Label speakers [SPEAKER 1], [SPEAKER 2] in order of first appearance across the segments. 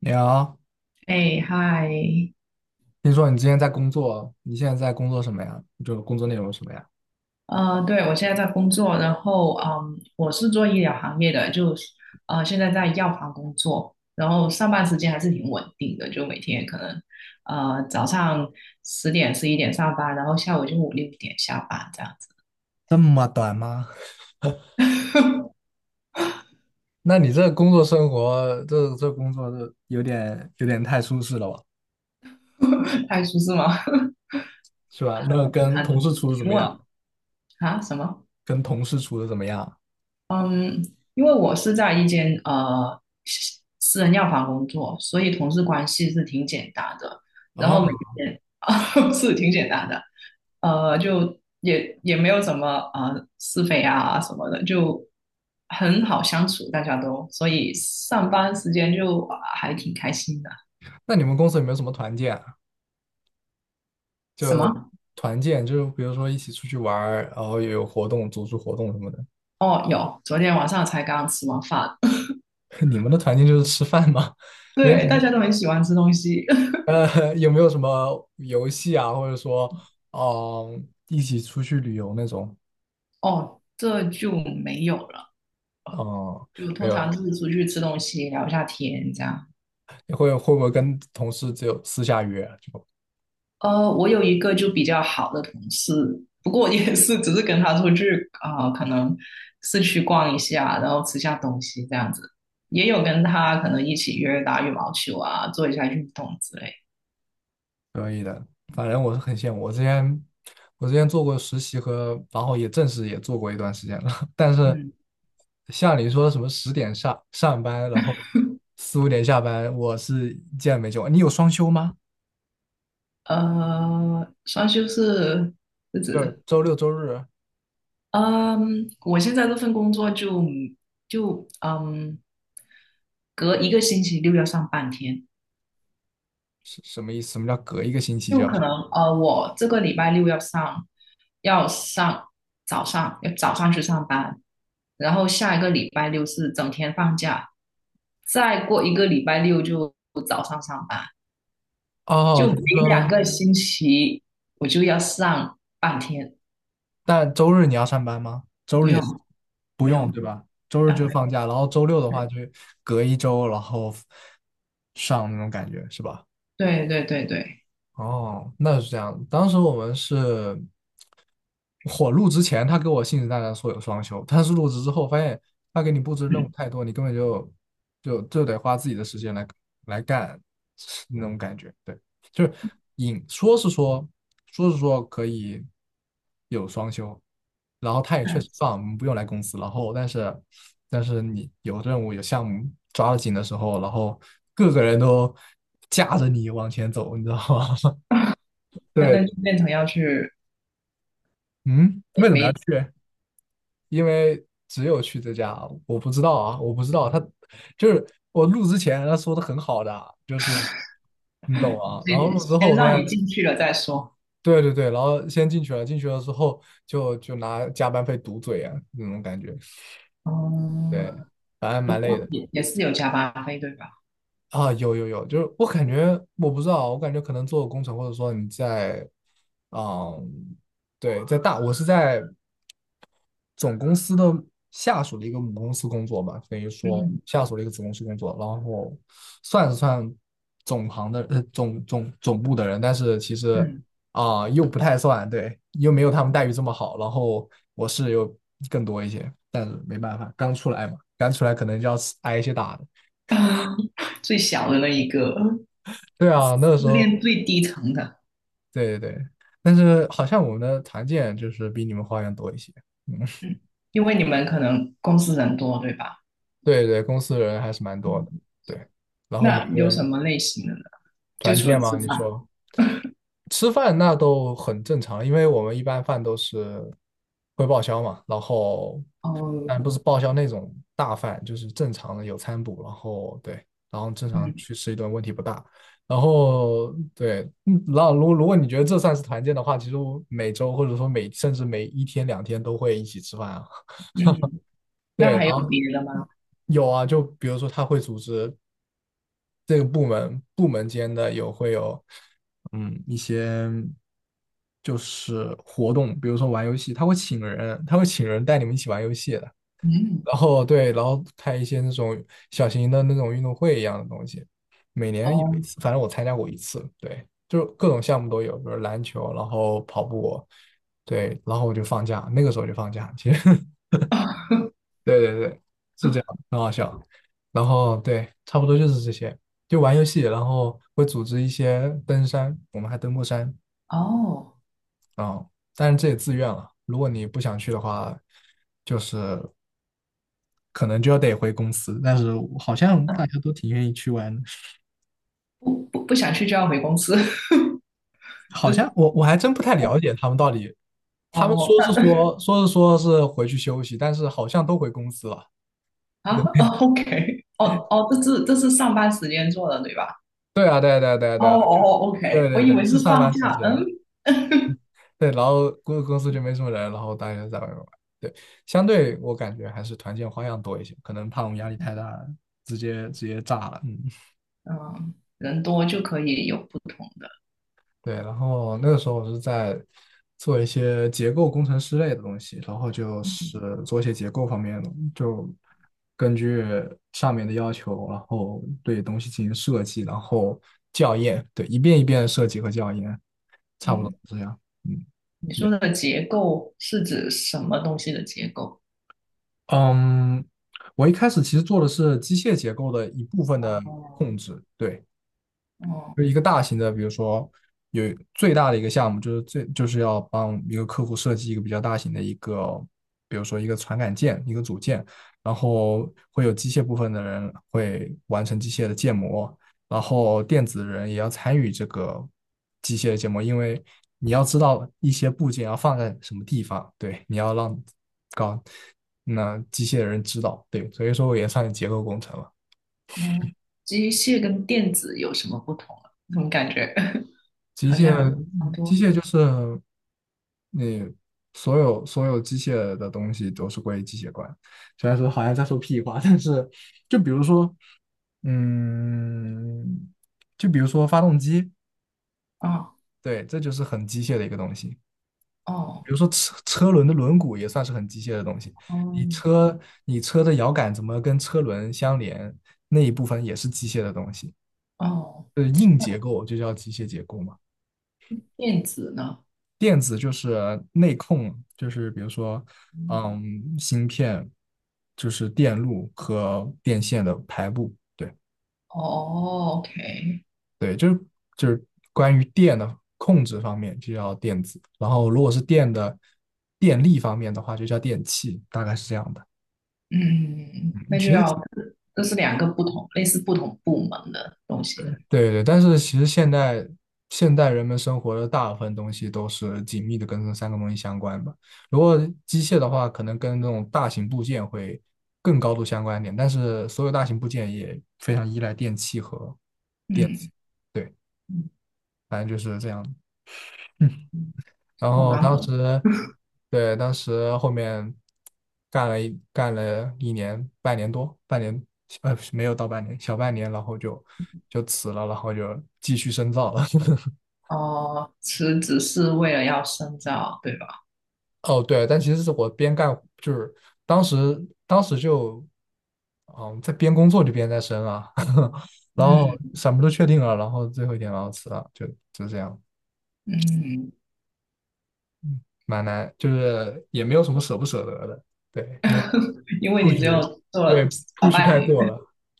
[SPEAKER 1] 你好，
[SPEAKER 2] 哎，嗨，
[SPEAKER 1] 听说你之前在工作，你现在在工作什么呀？就工作内容什么呀？
[SPEAKER 2] 对，我现在在工作，然后，我是做医疗行业的，就是现在在药房工作，然后上班时间还是挺稳定的，就每天可能，早上10、11点上班，然后下午就五六点下班这样子。
[SPEAKER 1] 这么短吗？那你这工作生活，这工作这有点太舒适了吧，
[SPEAKER 2] 太舒适吗？
[SPEAKER 1] 是吧？那跟同事
[SPEAKER 2] 很
[SPEAKER 1] 处的怎
[SPEAKER 2] 平
[SPEAKER 1] 么样？
[SPEAKER 2] 稳。啊？什么？
[SPEAKER 1] 跟同事处的怎么样？
[SPEAKER 2] 嗯，因为我是在一间私人药房工作，所以同事关系是挺简单的。然后
[SPEAKER 1] 哦，
[SPEAKER 2] 每天 是挺简单的，就也没有什么是非啊什么的，就很好相处，大家都，所以上班时间就还挺开心的。
[SPEAKER 1] 那你们公司有没有什么团建啊就
[SPEAKER 2] 什么？
[SPEAKER 1] 团建，就比如说一起出去玩儿，然后有活动、组织活动什么的。
[SPEAKER 2] 哦，有，昨天晚上才刚吃完饭。
[SPEAKER 1] 你们的团建就是吃饭吗？没有。
[SPEAKER 2] 对，大家都很喜欢吃东西。
[SPEAKER 1] 有没有什么游戏啊，或者说，一起出去旅游那种？
[SPEAKER 2] 哦，这就没有了。
[SPEAKER 1] 嗯，
[SPEAKER 2] 就
[SPEAKER 1] 没
[SPEAKER 2] 通
[SPEAKER 1] 有
[SPEAKER 2] 常
[SPEAKER 1] 了
[SPEAKER 2] 就是出去吃东西，聊一下天这样。
[SPEAKER 1] 你会不会跟同事只有私下约就
[SPEAKER 2] 我有一个就比较好的同事，不过也是只是跟他出去啊、可能市区逛一下，然后吃下东西这样子。也有跟他可能一起约打羽毛球啊，做一下运动之类。
[SPEAKER 1] 可以的？反正我是很羡慕，我之前做过实习和，然后也正式也做过一段时间了。但是
[SPEAKER 2] 嗯，
[SPEAKER 1] 像你说什么10点上班，然后4、5点下班，我是见没见过。你有双休吗？
[SPEAKER 2] 双休是日
[SPEAKER 1] 就是
[SPEAKER 2] 子。
[SPEAKER 1] 周六周日
[SPEAKER 2] 嗯，我现在这份工作就隔一个星期六要上半天。
[SPEAKER 1] 是什么意思？什么叫隔一个星期就
[SPEAKER 2] 就
[SPEAKER 1] 要
[SPEAKER 2] 可
[SPEAKER 1] 上？
[SPEAKER 2] 能我这个礼拜六要上，要上早上，要早上去上班，然后下一个礼拜六是整天放假，再过一个礼拜六就早上上班，
[SPEAKER 1] 哦，
[SPEAKER 2] 就
[SPEAKER 1] 等
[SPEAKER 2] 每
[SPEAKER 1] 于
[SPEAKER 2] 两
[SPEAKER 1] 说。
[SPEAKER 2] 个星期我就要上半天。
[SPEAKER 1] 但周日你要上班吗？周
[SPEAKER 2] 不
[SPEAKER 1] 日也是
[SPEAKER 2] 用，
[SPEAKER 1] 不
[SPEAKER 2] 没有，
[SPEAKER 1] 用，对吧？周日
[SPEAKER 2] 啊，
[SPEAKER 1] 就放假，然后周六的话就隔一周，然后上那种感觉，是吧？
[SPEAKER 2] 对对对对。
[SPEAKER 1] 哦，那是这样。当时我们是我入职前，他给我信誓旦旦说有双休，但是入职之后发现他给你布置任务
[SPEAKER 2] 嗯，
[SPEAKER 1] 太多，你根本就得花自己的时间来干 那种感觉。对，就是引说是说可以有双休，然后他也确实放，我们不用来公司。然后但是你有任务有项目抓得紧的时候，然后各个人都架着你往前走，你知道吗？
[SPEAKER 2] 那
[SPEAKER 1] 对，
[SPEAKER 2] 那就变成要去。
[SPEAKER 1] 嗯，
[SPEAKER 2] 没
[SPEAKER 1] 为什么要
[SPEAKER 2] 没，
[SPEAKER 1] 去？因为只有去这家，我不知道啊，我不知道他就是我录之前他说的很好的啊，就是你懂吗？然后
[SPEAKER 2] 先
[SPEAKER 1] 录之后
[SPEAKER 2] 先
[SPEAKER 1] 我发
[SPEAKER 2] 让
[SPEAKER 1] 现，
[SPEAKER 2] 你进去了再说。
[SPEAKER 1] 对对对，然后先进去了，进去了之后就拿加班费堵嘴啊，那种感觉，对，
[SPEAKER 2] 哦，
[SPEAKER 1] 反正
[SPEAKER 2] 不
[SPEAKER 1] 蛮累
[SPEAKER 2] 过
[SPEAKER 1] 的
[SPEAKER 2] 也是有加班费对吧？
[SPEAKER 1] 啊，有有有，就是我感觉我不知道，我感觉可能做工程或者说你在，啊，对，在大，我是在。总公司的下属的一个母公司工作吧，等于说
[SPEAKER 2] 嗯
[SPEAKER 1] 下属的一个子公司工作，然后算是算总行的总部的人，但是其实
[SPEAKER 2] 嗯。
[SPEAKER 1] 啊、又不太算，对，又没有他们待遇这么好，然后我是有更多一些，但是没办法，刚出来嘛，刚出来可能就要吃挨一些打的，
[SPEAKER 2] 最小的那一个，
[SPEAKER 1] 对啊，那个时候，
[SPEAKER 2] 练最低层的。
[SPEAKER 1] 对对对，但是好像我们的团建就是比你们花样多一些，嗯，
[SPEAKER 2] 因为你们可能公司人多，对吧？
[SPEAKER 1] 对对，公司人还是蛮多的，
[SPEAKER 2] 嗯，
[SPEAKER 1] 对，然后每
[SPEAKER 2] 那
[SPEAKER 1] 个
[SPEAKER 2] 有什
[SPEAKER 1] 人。
[SPEAKER 2] 么类型的呢？就
[SPEAKER 1] 团
[SPEAKER 2] 除
[SPEAKER 1] 建
[SPEAKER 2] 了吃
[SPEAKER 1] 吗？你
[SPEAKER 2] 饭。
[SPEAKER 1] 说吃饭那都很正常，因为我们一般饭都是会报销嘛，然后
[SPEAKER 2] 哦，
[SPEAKER 1] 但不是报销那种大饭，就是正常的有餐补，然后对，然后正常
[SPEAKER 2] 嗯
[SPEAKER 1] 去吃一顿问题不大。然后对，嗯然后如果你觉得这算是团建的话，其实我每周或者说每甚至每一天两天都会一起吃饭啊。
[SPEAKER 2] 嗯，那
[SPEAKER 1] 对，然
[SPEAKER 2] 还有
[SPEAKER 1] 后
[SPEAKER 2] 别的吗？
[SPEAKER 1] 有啊，就比如说他会组织这个部门间的有会有，嗯，一些就是活动，比如说玩游戏，他会请人带你们一起玩游戏的。
[SPEAKER 2] 嗯，
[SPEAKER 1] 然后对，然后开一些那种小型的那种运动会一样的东西，每年有一
[SPEAKER 2] 哦。
[SPEAKER 1] 次，反正我参加过一次。对，就是各种项目都有，比如篮球，然后跑步，对，然后我就放假，那个时候就放假，其实 对对对，是这样，很好笑。然后对，差不多就是这些，就玩游戏，然后会组织一些登山，我们还登过山
[SPEAKER 2] 哦，
[SPEAKER 1] 啊、但是这也自愿了。如果你不想去的话，就是可能就要得回公司。但是好像大
[SPEAKER 2] 啊，
[SPEAKER 1] 家都挺愿意去玩，的。
[SPEAKER 2] 不不，不想去就要回公司。这。
[SPEAKER 1] 好像我还真不太了解他们到底，他们说
[SPEAKER 2] 哦，
[SPEAKER 1] 是
[SPEAKER 2] 那
[SPEAKER 1] 说说是说是回去休息，但是好像都回公司了。
[SPEAKER 2] 啊
[SPEAKER 1] 对
[SPEAKER 2] 哦，OK，哦哦，这是上班时间做的，对吧？
[SPEAKER 1] 对啊，对啊对啊对啊
[SPEAKER 2] 哦
[SPEAKER 1] 对啊，
[SPEAKER 2] 哦
[SPEAKER 1] 就对
[SPEAKER 2] ，OK，我
[SPEAKER 1] 对
[SPEAKER 2] 以
[SPEAKER 1] 对，
[SPEAKER 2] 为
[SPEAKER 1] 是
[SPEAKER 2] 是
[SPEAKER 1] 上
[SPEAKER 2] 放
[SPEAKER 1] 班时
[SPEAKER 2] 假，嗯。
[SPEAKER 1] 间。对，然后公司就没什么人，然后大家在外面玩。对，相对我感觉还是团建花样多一些，可能怕我们压力太大，直接炸了。嗯，
[SPEAKER 2] 嗯，人多就可以有不同的。
[SPEAKER 1] 对。然后那个时候我是在做一些结构工程师类的东西，然后就是
[SPEAKER 2] 嗯
[SPEAKER 1] 做一些结构方面的，就根据上面的要求，然后对东西进行设计，然后校验，对，一遍一遍地设计和校验，差不多
[SPEAKER 2] 嗯，
[SPEAKER 1] 是这样。嗯。
[SPEAKER 2] 你说的结构是指什么东西的结构？
[SPEAKER 1] 嗯，我一开始其实做的是机械结构的一部分的
[SPEAKER 2] 哦
[SPEAKER 1] 控制，对，
[SPEAKER 2] 哦，
[SPEAKER 1] 就是一个大型的，比如说有最大的一个项目，就是最就是要帮一个客户设计一个比较大型的一个，比如说一个传感件、一个组件，然后会有机械部分的人会完成机械的建模，然后电子人也要参与这个机械的建模，因为你要知道一些部件要放在什么地方，对，你要让搞那机械人知道，对，所以说我也算是结构工程了。
[SPEAKER 2] 嗯，机械跟电子有什么不同啊？怎么感觉
[SPEAKER 1] 机
[SPEAKER 2] 好像
[SPEAKER 1] 械，
[SPEAKER 2] 差不
[SPEAKER 1] 机
[SPEAKER 2] 多？
[SPEAKER 1] 械就是你所有机械的东西都是归机械管。虽然说好像在说屁话，但是就比如说，嗯，就比如说发动机，
[SPEAKER 2] 哦
[SPEAKER 1] 对，这就是很机械的一个东西。
[SPEAKER 2] 哦，
[SPEAKER 1] 比如说车轮的轮毂也算是很机械的东西。你
[SPEAKER 2] 嗯
[SPEAKER 1] 车你车的摇杆怎么跟车轮相连，那一部分也是机械的东西。
[SPEAKER 2] 哦，
[SPEAKER 1] 呃，硬结构就叫机械结构嘛。
[SPEAKER 2] 电子呢？
[SPEAKER 1] 电子就是内控，就是比如说，
[SPEAKER 2] 嗯
[SPEAKER 1] 嗯，芯片，就是电路和电线的排布，对
[SPEAKER 2] 哦，OK，
[SPEAKER 1] 对，就是关于电的控制方面就叫电子，然后如果是电的电力方面的话，就叫电器，大概是这样的。
[SPEAKER 2] 嗯，那就
[SPEAKER 1] 其实。
[SPEAKER 2] 要。这是两个不同，类似不同部门的东西。
[SPEAKER 1] 对对，但是其实现代人们生活的大部分东西都是紧密的跟这三个东西相关吧。如果机械的话，可能跟那种大型部件会更高度相关一点，但是所有大型部件也非常依赖电器和电子。
[SPEAKER 2] 嗯
[SPEAKER 1] 对，
[SPEAKER 2] 嗯
[SPEAKER 1] 反正就是这样 嗯，
[SPEAKER 2] 嗯，
[SPEAKER 1] 然
[SPEAKER 2] 好
[SPEAKER 1] 后
[SPEAKER 2] 难
[SPEAKER 1] 当
[SPEAKER 2] 懂。
[SPEAKER 1] 时，对，当时后面干了一年，半年多，半年，呃，没有到半年，小半年，然后就辞了，然后就继续深造了。
[SPEAKER 2] 哦，辞职是为了要深造，对吧？
[SPEAKER 1] 哦，对，但其实是我边干，就是当时当时就，嗯，在边工作就边在升啊，然后
[SPEAKER 2] 嗯
[SPEAKER 1] 什么都确定了，然后最后一天然后辞了，就这样，
[SPEAKER 2] 嗯。
[SPEAKER 1] 嗯，蛮难，就是也没有什么舍不舍得的，对，因为
[SPEAKER 2] 因为你
[SPEAKER 1] push，
[SPEAKER 2] 只有
[SPEAKER 1] 嗯
[SPEAKER 2] 做了
[SPEAKER 1] 对
[SPEAKER 2] 小
[SPEAKER 1] push
[SPEAKER 2] 半
[SPEAKER 1] 太过
[SPEAKER 2] 年。
[SPEAKER 1] 了，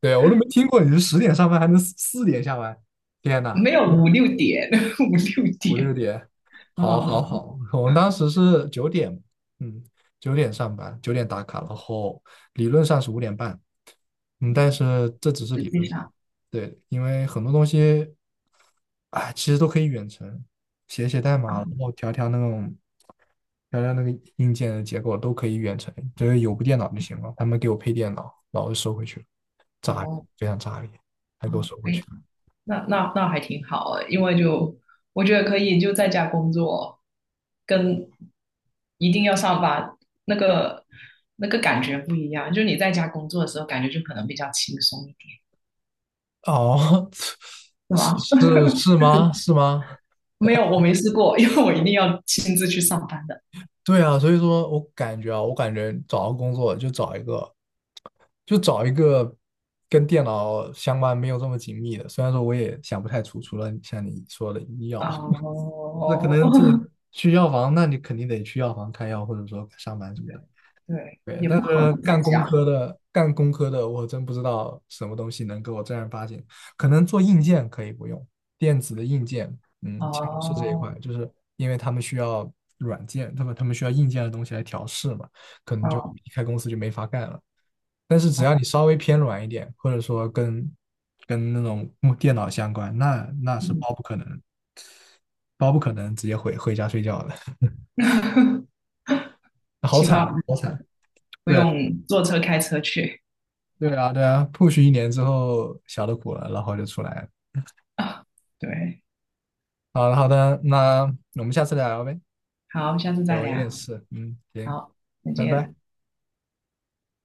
[SPEAKER 1] 对我都没听过你是十点上班还能四点下班，天呐！
[SPEAKER 2] 没有五六点，五六
[SPEAKER 1] 五
[SPEAKER 2] 点。
[SPEAKER 1] 六点，好，好，
[SPEAKER 2] 哦，
[SPEAKER 1] 好，我们当时是九点，嗯，九点上班，九点打卡，然后理论上是5点半，嗯，但是这只是
[SPEAKER 2] 实
[SPEAKER 1] 理
[SPEAKER 2] 际
[SPEAKER 1] 论上，
[SPEAKER 2] 上
[SPEAKER 1] 对，因为很多东西，哎，其实都可以远程，写写代码，
[SPEAKER 2] 啊，
[SPEAKER 1] 然后调调那个硬件的结构都可以远程，只要有部电脑就行了。他们给我配电脑，然后就收回去了，炸裂，
[SPEAKER 2] 哦
[SPEAKER 1] 非常炸裂，还给我
[SPEAKER 2] 哦，
[SPEAKER 1] 收回去。
[SPEAKER 2] 哎，
[SPEAKER 1] 了。
[SPEAKER 2] 那还挺好的。因为就我觉得可以就在家工作，跟一定要上班那个那个感觉不一样，就你在家工作的时候，感觉就可能比较轻松一点，
[SPEAKER 1] 哦，
[SPEAKER 2] 是吗？
[SPEAKER 1] 是吗？是吗？
[SPEAKER 2] 没有，我没试过。因为我一定要亲自去上班的。
[SPEAKER 1] 对啊，所以说我感觉啊，我感觉找到工作就找一个，就找一个跟电脑相关没有这么紧密的。虽然说我也想不太出，除了像你说的医药，那可
[SPEAKER 2] 哦。
[SPEAKER 1] 能去药房，那你肯定得去药房开药，或者说上班什么
[SPEAKER 2] 对
[SPEAKER 1] 的。
[SPEAKER 2] 对，
[SPEAKER 1] 对，
[SPEAKER 2] 也
[SPEAKER 1] 但
[SPEAKER 2] 不可能
[SPEAKER 1] 是
[SPEAKER 2] 在家。
[SPEAKER 1] 干工科的，我真不知道什么东西能给我正儿八经。可能做硬件可以不用，电子的硬件，嗯，其实是这一块，
[SPEAKER 2] 哦
[SPEAKER 1] 就是因为他们需要软件，他们需要硬件的东西来调试嘛，可能就
[SPEAKER 2] 哦
[SPEAKER 1] 离开公司就没法干了。但是只
[SPEAKER 2] 哦，
[SPEAKER 1] 要你稍微偏软一点，或者说跟那种木电脑相关，那是
[SPEAKER 2] 嗯。
[SPEAKER 1] 包不可能，包不可能直接回家睡觉的，好
[SPEAKER 2] 起
[SPEAKER 1] 惨
[SPEAKER 2] 码
[SPEAKER 1] 啊，好惨。
[SPEAKER 2] 不
[SPEAKER 1] 对。
[SPEAKER 2] 用坐车开车去
[SPEAKER 1] 对啊，对啊，push 一年之后小的苦了，然后就出来了。
[SPEAKER 2] 啊。对，
[SPEAKER 1] 好的，好的，那我们下次再聊呗。
[SPEAKER 2] 好，下次
[SPEAKER 1] 对，
[SPEAKER 2] 再
[SPEAKER 1] 我有点
[SPEAKER 2] 聊。
[SPEAKER 1] 事，嗯，行，
[SPEAKER 2] 好，再
[SPEAKER 1] 拜
[SPEAKER 2] 见。
[SPEAKER 1] 拜。